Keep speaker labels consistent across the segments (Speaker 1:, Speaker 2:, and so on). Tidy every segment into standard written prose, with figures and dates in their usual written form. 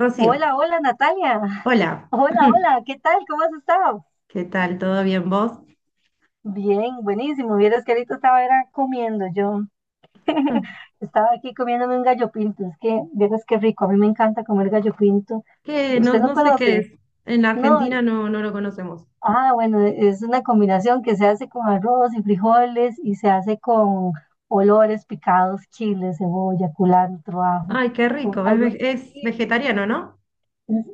Speaker 1: Rocío,
Speaker 2: Hola, hola Natalia.
Speaker 1: hola,
Speaker 2: Hola, hola, ¿qué tal? ¿Cómo has estado?
Speaker 1: ¿qué tal? ¿Todo bien vos?
Speaker 2: Bien, buenísimo. Vieras que ahorita estaba era comiendo yo. Estaba aquí comiéndome un gallo pinto. Es que, vieras qué rico. A mí me encanta comer gallo pinto.
Speaker 1: Que no,
Speaker 2: ¿Usted no
Speaker 1: no sé qué
Speaker 2: conoce?
Speaker 1: es. En la
Speaker 2: No.
Speaker 1: Argentina no, no lo conocemos.
Speaker 2: Ah, bueno, es una combinación que se hace con arroz y frijoles y se hace con olores picados, chile, cebolla, culantro, ajo,
Speaker 1: Ay, qué
Speaker 2: con
Speaker 1: rico, es,
Speaker 2: algo.
Speaker 1: veg- es
Speaker 2: Sí.
Speaker 1: vegetariano, ¿no?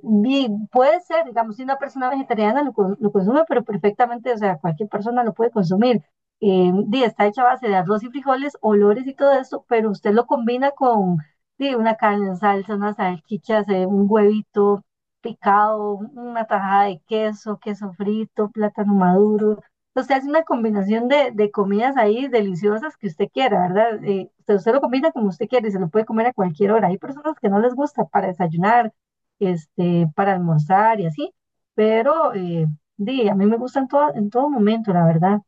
Speaker 2: Bien, puede ser, digamos, si una persona vegetariana lo consume, pero perfectamente, o sea, cualquier persona lo puede consumir. Está hecha a base de arroz y frijoles, olores y todo eso, pero usted lo combina con una carne en salsa, unas salchichas, un huevito picado, una tajada de queso, queso frito, plátano maduro. Usted hace una combinación de comidas ahí deliciosas que usted quiera, ¿verdad? Usted lo combina como usted quiere y se lo puede comer a cualquier hora. Hay personas que no les gusta para desayunar, para almorzar y así, pero a mí me gustan todo, en todo momento, la verdad.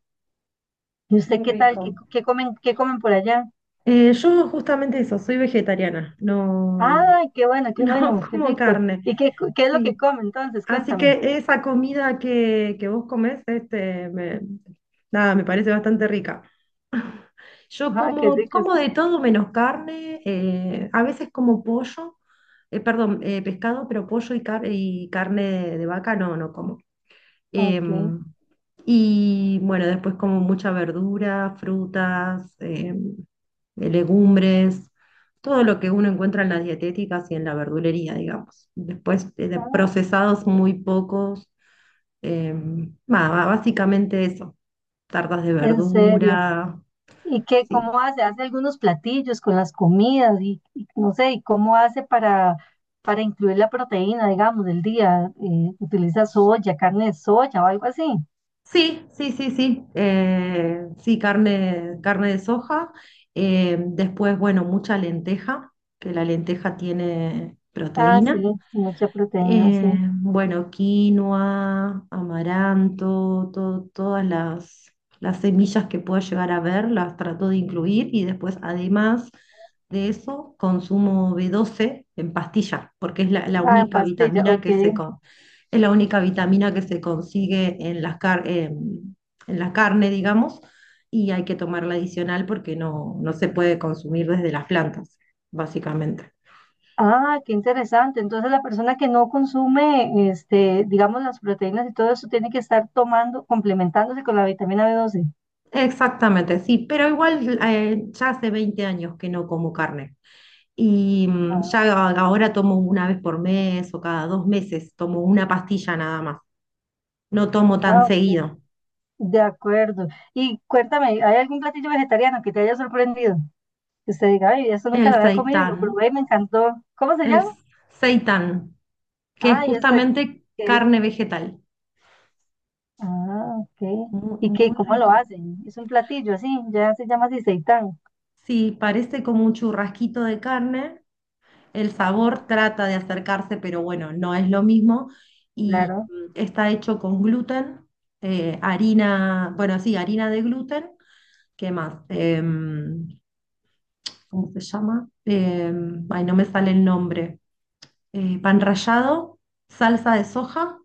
Speaker 2: ¿Y usted
Speaker 1: Muy
Speaker 2: qué tal? ¿Qué,
Speaker 1: rico.
Speaker 2: qué comen, qué comen por allá?
Speaker 1: Yo justamente eso, soy vegetariana, no,
Speaker 2: Ay, qué bueno, qué
Speaker 1: no
Speaker 2: bueno, qué
Speaker 1: como
Speaker 2: rico.
Speaker 1: carne.
Speaker 2: ¿Y qué es lo
Speaker 1: Sí,
Speaker 2: que come entonces?
Speaker 1: así
Speaker 2: Cuéntame.
Speaker 1: que esa comida que vos comés, este, nada, me parece bastante rica. Yo
Speaker 2: Ah, qué
Speaker 1: como,
Speaker 2: rico,
Speaker 1: como
Speaker 2: sí.
Speaker 1: de todo menos carne, a veces como pollo, perdón, pescado, pero pollo y carne de vaca no, no como.
Speaker 2: Ok.
Speaker 1: Em, y bueno, después como mucha verdura, frutas, legumbres, todo lo que uno encuentra en las dietéticas y en la verdulería, digamos. Después de
Speaker 2: Ah,
Speaker 1: procesados muy pocos, nada, básicamente eso, tartas de
Speaker 2: en serio.
Speaker 1: verdura.
Speaker 2: ¿Y
Speaker 1: Sí.
Speaker 2: cómo hace? Hace algunos platillos con las comidas y no sé, ¿y cómo hace para incluir la proteína, digamos, del día? ¿Utiliza soya, carne de soya o algo así?
Speaker 1: Sí, sí, sí, sí. Sí, carne de soja. Después, bueno, mucha lenteja, que la lenteja tiene
Speaker 2: Ah, sí,
Speaker 1: proteína.
Speaker 2: mucha proteína, sí.
Speaker 1: Bueno, quinoa, amaranto, todas las semillas que pueda llegar a ver, las trato de incluir y después, además de eso, consumo B12 en pastillas, porque
Speaker 2: Ah, en pastilla, ok.
Speaker 1: es la única vitamina que se consigue en en la carne, digamos, y hay que tomarla adicional porque no, no se puede consumir desde las plantas, básicamente.
Speaker 2: Ah, qué interesante. Entonces la persona que no consume, digamos, las proteínas y todo eso tiene que estar tomando, complementándose con la vitamina B12.
Speaker 1: Exactamente, sí, pero igual ya hace 20 años que no como carne y ya
Speaker 2: Ah,
Speaker 1: ahora tomo una vez por mes o cada 2 meses, tomo una pastilla nada más, no tomo tan
Speaker 2: ah, ok.
Speaker 1: seguido.
Speaker 2: De acuerdo. Y cuéntame, ¿hay algún platillo vegetariano que te haya sorprendido? Que usted diga, ay, eso nunca
Speaker 1: El
Speaker 2: lo había comido y
Speaker 1: seitán,
Speaker 2: lo probé y me encantó. ¿Cómo se
Speaker 1: el
Speaker 2: llama?
Speaker 1: seitán, que es
Speaker 2: Ah, ¿y eso de
Speaker 1: justamente
Speaker 2: que es?
Speaker 1: carne vegetal,
Speaker 2: Ah, ok.
Speaker 1: mu-
Speaker 2: ¿Y qué?
Speaker 1: muy,
Speaker 2: ¿Cómo lo
Speaker 1: rico.
Speaker 2: hacen? Es un platillo así, ya se llama así, seitán.
Speaker 1: Sí, parece como un churrasquito de carne. El sabor trata de acercarse, pero bueno, no es lo mismo. Y
Speaker 2: Claro.
Speaker 1: está hecho con gluten, harina, bueno, sí, harina de gluten. ¿Qué más? ¿Cómo se llama? Ay, no me sale el nombre. Pan rallado, salsa de soja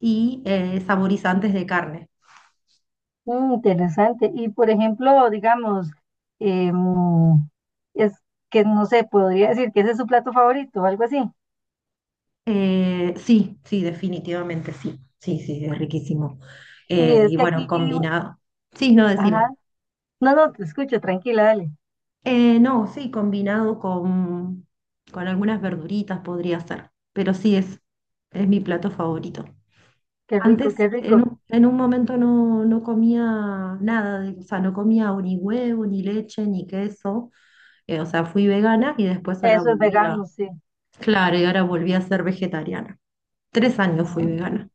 Speaker 1: y saborizantes de carne.
Speaker 2: Mm, interesante. Y por ejemplo, digamos, em, es que no sé, podría decir que ese es su plato favorito o algo así.
Speaker 1: Sí, sí, definitivamente sí. Sí, sí, es riquísimo.
Speaker 2: Y es
Speaker 1: Y
Speaker 2: que
Speaker 1: bueno,
Speaker 2: aquí,
Speaker 1: combinado. Sí, no,
Speaker 2: ajá,
Speaker 1: decime.
Speaker 2: no, no, te escucho, tranquila, dale.
Speaker 1: No, sí, combinado con algunas verduritas podría ser, pero sí es mi plato favorito.
Speaker 2: Qué rico,
Speaker 1: Antes,
Speaker 2: qué
Speaker 1: en
Speaker 2: rico.
Speaker 1: un, en un momento no, no comía nada, o sea, no comía o ni huevo, ni leche, ni queso, o sea, fui vegana y después ahora
Speaker 2: Eso es
Speaker 1: volví a,
Speaker 2: vegano, sí.
Speaker 1: claro, y ahora volví a ser vegetariana. 3 años fui
Speaker 2: Ah,
Speaker 1: vegana.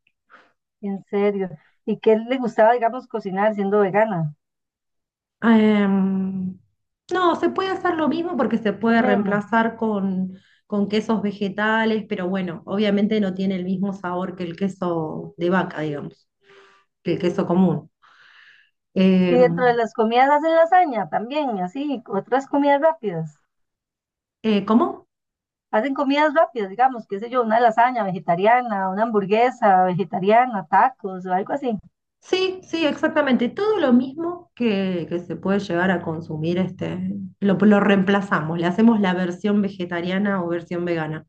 Speaker 2: en serio. ¿Y qué le gustaba, digamos, cocinar siendo vegana?
Speaker 1: Em, no, se puede hacer lo mismo porque se
Speaker 2: Lo
Speaker 1: puede
Speaker 2: mismo.
Speaker 1: reemplazar con quesos vegetales, pero bueno, obviamente no tiene el mismo sabor que el queso de vaca, digamos, que el queso común.
Speaker 2: Y dentro
Speaker 1: Em,
Speaker 2: de las comidas hacen lasaña también, y así, otras comidas rápidas.
Speaker 1: ¿Cómo?
Speaker 2: Hacen comidas rápidas, digamos, qué sé yo, una lasaña vegetariana, una hamburguesa vegetariana, tacos o algo así.
Speaker 1: Sí, sí, exactamente. Todo lo mismo que se puede llegar a consumir, este, lo reemplazamos, le hacemos la versión vegetariana o versión vegana.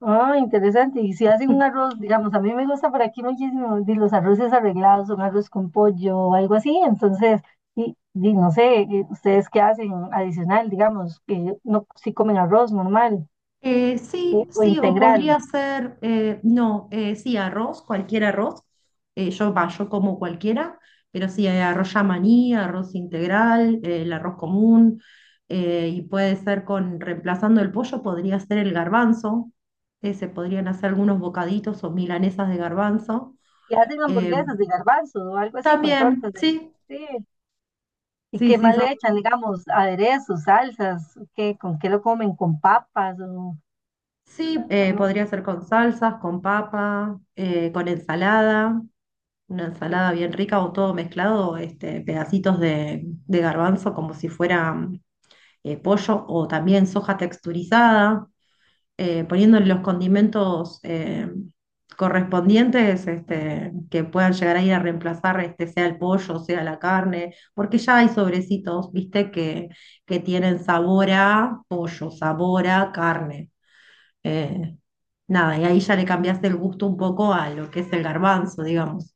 Speaker 2: Ah, interesante. Y si hacen un arroz, digamos, a mí me gusta por aquí muchísimo, los arroces arreglados, un arroz con pollo o algo así. Entonces, no sé, ¿ustedes qué hacen adicional, digamos, que no, si comen arroz normal
Speaker 1: Sí,
Speaker 2: o
Speaker 1: sí, o
Speaker 2: integral?
Speaker 1: podría ser, no, sí, arroz, cualquier arroz. Yo, va, yo como cualquiera, pero sí, arroz yamaní, arroz integral, el arroz común, y puede ser con, reemplazando el pollo, podría ser el garbanzo. Se podrían hacer algunos bocaditos o milanesas de garbanzo.
Speaker 2: Y hacen
Speaker 1: Eh,
Speaker 2: hamburguesas de garbanzo o algo así con
Speaker 1: también,
Speaker 2: tortas.
Speaker 1: sí,
Speaker 2: Sí. ¿Y
Speaker 1: sí,
Speaker 2: qué
Speaker 1: sí,
Speaker 2: más le echan? Digamos, aderezos, salsas, ¿qué, con qué lo comen? ¿Con papas,
Speaker 1: sí,
Speaker 2: no?
Speaker 1: podría ser con salsas, con papa, con ensalada. Una ensalada bien rica o todo mezclado, este, pedacitos de garbanzo como si fuera pollo o también soja texturizada, poniéndole los condimentos correspondientes este, que puedan llegar a ir a reemplazar, este, sea el pollo, sea la carne, porque ya hay sobrecitos, viste, que tienen sabor a pollo, sabor a carne. Eh, nada, y ahí ya le cambiaste el gusto un poco a lo que es el garbanzo, digamos.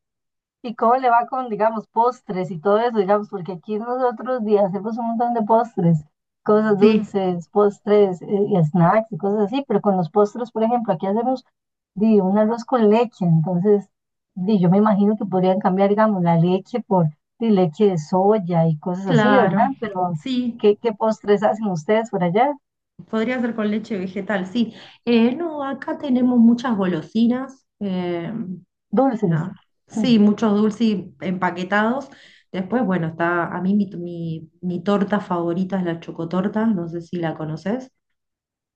Speaker 2: ¿Y cómo le va con, digamos, postres y todo eso? Digamos, porque aquí nosotros hacemos un montón de postres, cosas
Speaker 1: Sí,
Speaker 2: dulces, postres y snacks y cosas así, pero con los postres, por ejemplo, aquí hacemos, un arroz con leche, entonces, yo me imagino que podrían cambiar, digamos, la leche por, leche de soya y cosas así,
Speaker 1: claro,
Speaker 2: ¿verdad? Pero,
Speaker 1: sí,
Speaker 2: ¿qué postres hacen ustedes por allá?
Speaker 1: podría ser con leche vegetal, sí. No, acá tenemos muchas golosinas,
Speaker 2: Dulces.
Speaker 1: la- sí, muchos dulces empaquetados. Después, bueno, está, a mí mi torta favorita es la chocotorta, no sé si la conoces,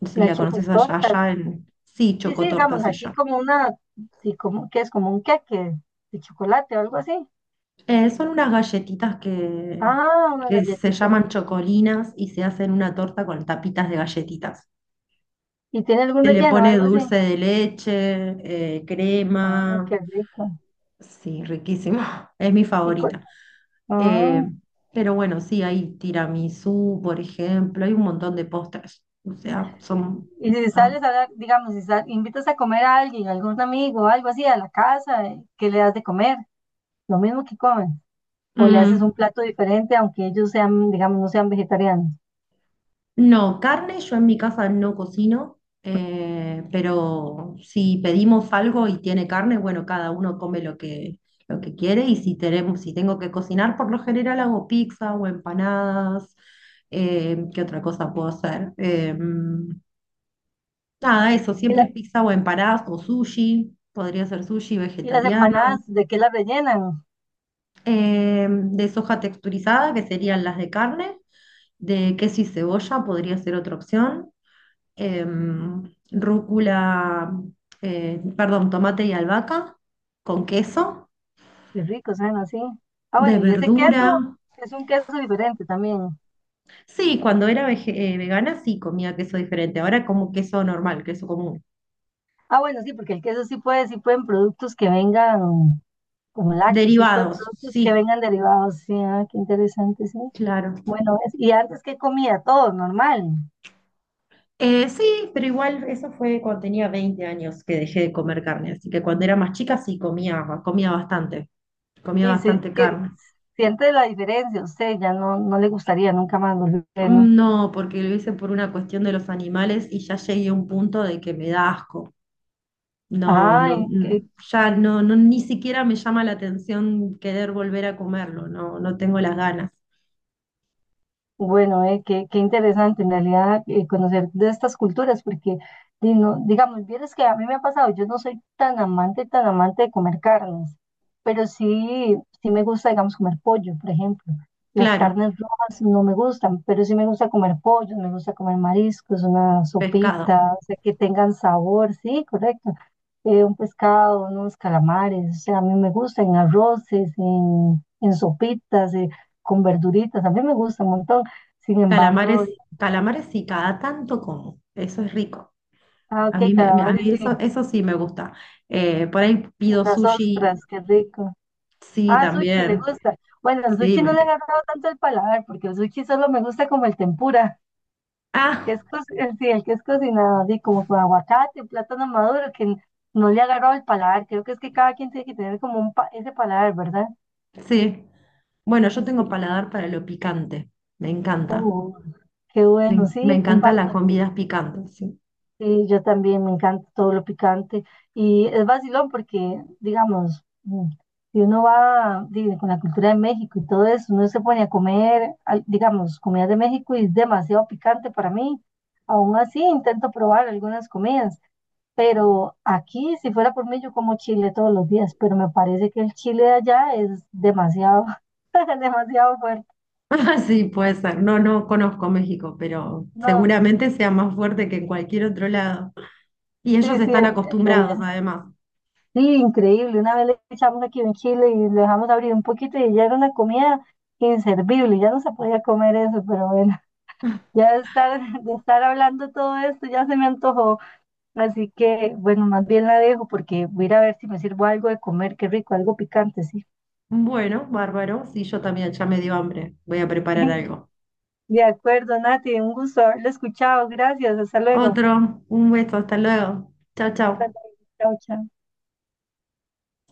Speaker 1: si
Speaker 2: La
Speaker 1: la conoces allá,
Speaker 2: chocotorta.
Speaker 1: sí,
Speaker 2: Sí, sí,
Speaker 1: chocotorta
Speaker 2: digamos,
Speaker 1: se
Speaker 2: aquí
Speaker 1: llama.
Speaker 2: como una, y como, que es como un queque de chocolate o algo así.
Speaker 1: Son unas galletitas que,
Speaker 2: Ah, una
Speaker 1: que se
Speaker 2: galletita.
Speaker 1: llaman chocolinas y se hacen una torta con tapitas de galletitas.
Speaker 2: ¿Y tiene algún
Speaker 1: Se le
Speaker 2: relleno o
Speaker 1: pone
Speaker 2: algo así?
Speaker 1: dulce de leche,
Speaker 2: Ah,
Speaker 1: crema.
Speaker 2: qué rico.
Speaker 1: Sí, riquísimo. Es mi
Speaker 2: Y, cu-
Speaker 1: favorita. Eh,
Speaker 2: ah,
Speaker 1: pero bueno, sí, hay tiramisú, por ejemplo. Hay un montón de postres. O sea, son...
Speaker 2: y si
Speaker 1: Ah,
Speaker 2: sales digamos, si sal- invitas a comer a alguien, algún amigo o algo así a la casa, ¿qué le das de comer? Lo mismo que comen. O le
Speaker 1: mm.
Speaker 2: haces un plato diferente, aunque ellos sean, digamos, no sean vegetarianos.
Speaker 1: No, carne yo en mi casa no cocino, pero si pedimos algo y tiene carne, bueno, cada uno come lo que quiere y si tenemos, si tengo que cocinar, por lo general hago pizza o empanadas, ¿qué otra cosa puedo hacer? Nada, eso,
Speaker 2: ¿Y,
Speaker 1: siempre
Speaker 2: la-
Speaker 1: es pizza o empanadas o sushi, podría ser sushi
Speaker 2: y las
Speaker 1: vegetariano
Speaker 2: empanadas, de qué las rellenan?
Speaker 1: de soja texturizada, que serían las de carne, de queso y cebolla podría ser otra opción, em, rúcula, perdón, tomate y albahaca con queso,
Speaker 2: Qué rico, suena así. Ah, bueno,
Speaker 1: de
Speaker 2: y ese
Speaker 1: verdura.
Speaker 2: queso es un queso diferente también.
Speaker 1: Sí, cuando era vegana sí comía queso diferente, ahora como queso normal, queso común.
Speaker 2: Ah, bueno, sí, porque el queso, sí pueden productos que vengan como lácteos, sí pueden
Speaker 1: Derivados,
Speaker 2: productos que
Speaker 1: sí,
Speaker 2: vengan derivados, sí, ah, qué interesante, sí.
Speaker 1: claro.
Speaker 2: Bueno, y antes que comía todo normal.
Speaker 1: Sí, pero igual eso fue cuando tenía 20 años que dejé de comer carne, así que cuando era más chica sí comía, bastante, comía
Speaker 2: Y sí,
Speaker 1: bastante
Speaker 2: que
Speaker 1: carne.
Speaker 2: siente la diferencia, usted ya no le gustaría nunca más volver, ¿no?
Speaker 1: Mm, no, porque lo hice por una cuestión de los animales y ya llegué a un punto de que me da asco. No,
Speaker 2: Ay,
Speaker 1: no,
Speaker 2: qué.
Speaker 1: ya no, no, ni siquiera me llama la atención querer volver a comerlo, no, no tengo las ganas.
Speaker 2: Bueno, qué interesante en realidad, conocer de estas culturas, porque, digamos, vieras que a mí me ha pasado, yo no soy tan amante de comer carnes, pero sí, sí me gusta, digamos, comer pollo, por ejemplo. Las
Speaker 1: Claro,
Speaker 2: carnes rojas no me gustan, pero sí me gusta comer pollo, me gusta comer mariscos, una
Speaker 1: pescado.
Speaker 2: sopita, o sea, que tengan sabor, sí, correcto. Un pescado, unos calamares, o sea, a mí me gusta en arroces, en sopitas, con verduritas, a mí me gusta un montón. Sin embargo,
Speaker 1: Calamares, calamares sí, cada tanto como. Eso es rico.
Speaker 2: ah,
Speaker 1: A mí,
Speaker 2: ok,
Speaker 1: a
Speaker 2: calamares
Speaker 1: mí
Speaker 2: sí,
Speaker 1: eso sí me gusta. Por ahí pido
Speaker 2: unas ostras,
Speaker 1: sushi,
Speaker 2: qué rico.
Speaker 1: sí,
Speaker 2: Ah, sushi le
Speaker 1: también.
Speaker 2: gusta. Bueno, el
Speaker 1: Sí,
Speaker 2: sushi
Speaker 1: me
Speaker 2: no le ha
Speaker 1: encanta.
Speaker 2: agarrado tanto el paladar, porque el sushi solo me gusta como el tempura, que
Speaker 1: Ah,
Speaker 2: es el, sí, el que es cocinado, así como con aguacate, plátano maduro, que no le ha agarrado el paladar. Creo que es que cada quien tiene que tener como ese paladar, ¿verdad?
Speaker 1: sí. Bueno, yo tengo
Speaker 2: Sí.
Speaker 1: paladar para lo picante. Me encanta.
Speaker 2: Uh, Qué
Speaker 1: Me,
Speaker 2: bueno,
Speaker 1: en- me
Speaker 2: sí,
Speaker 1: encantan las
Speaker 2: comparto.
Speaker 1: comidas picantes, sí.
Speaker 2: Sí, yo también me encanta todo lo picante y es vacilón porque, digamos, si uno va con la cultura de México y todo eso, uno se pone a comer, digamos, comida de México y es demasiado picante para mí. Aún así, intento probar algunas comidas, pero aquí, si fuera por mí, yo como chile todos los días, pero me parece que el chile de allá es demasiado, demasiado fuerte.
Speaker 1: Ah, sí, puede ser. No, no conozco México, pero
Speaker 2: No,
Speaker 1: seguramente sea más fuerte que en cualquier otro lado. Y ellos
Speaker 2: sí, sí,
Speaker 1: están
Speaker 2: en realidad.
Speaker 1: acostumbrados, además.
Speaker 2: Sí, increíble. Una vez le echamos aquí en chile y lo dejamos abrir un poquito y ya era una comida inservible, ya no se podía comer eso, pero bueno, ya de estar hablando todo esto ya se me antojó. Así que, bueno, más bien la dejo porque voy a ir a ver si me sirvo algo de comer, qué rico, algo picante, sí.
Speaker 1: Bueno, bárbaro. Sí, yo también, ya me dio hambre. Voy a preparar algo.
Speaker 2: De acuerdo, Nati, un gusto haberlo escuchado. Gracias, hasta luego.
Speaker 1: Otro, un beso, hasta luego. Chao,
Speaker 2: Hasta
Speaker 1: chao.
Speaker 2: luego, chao, chao.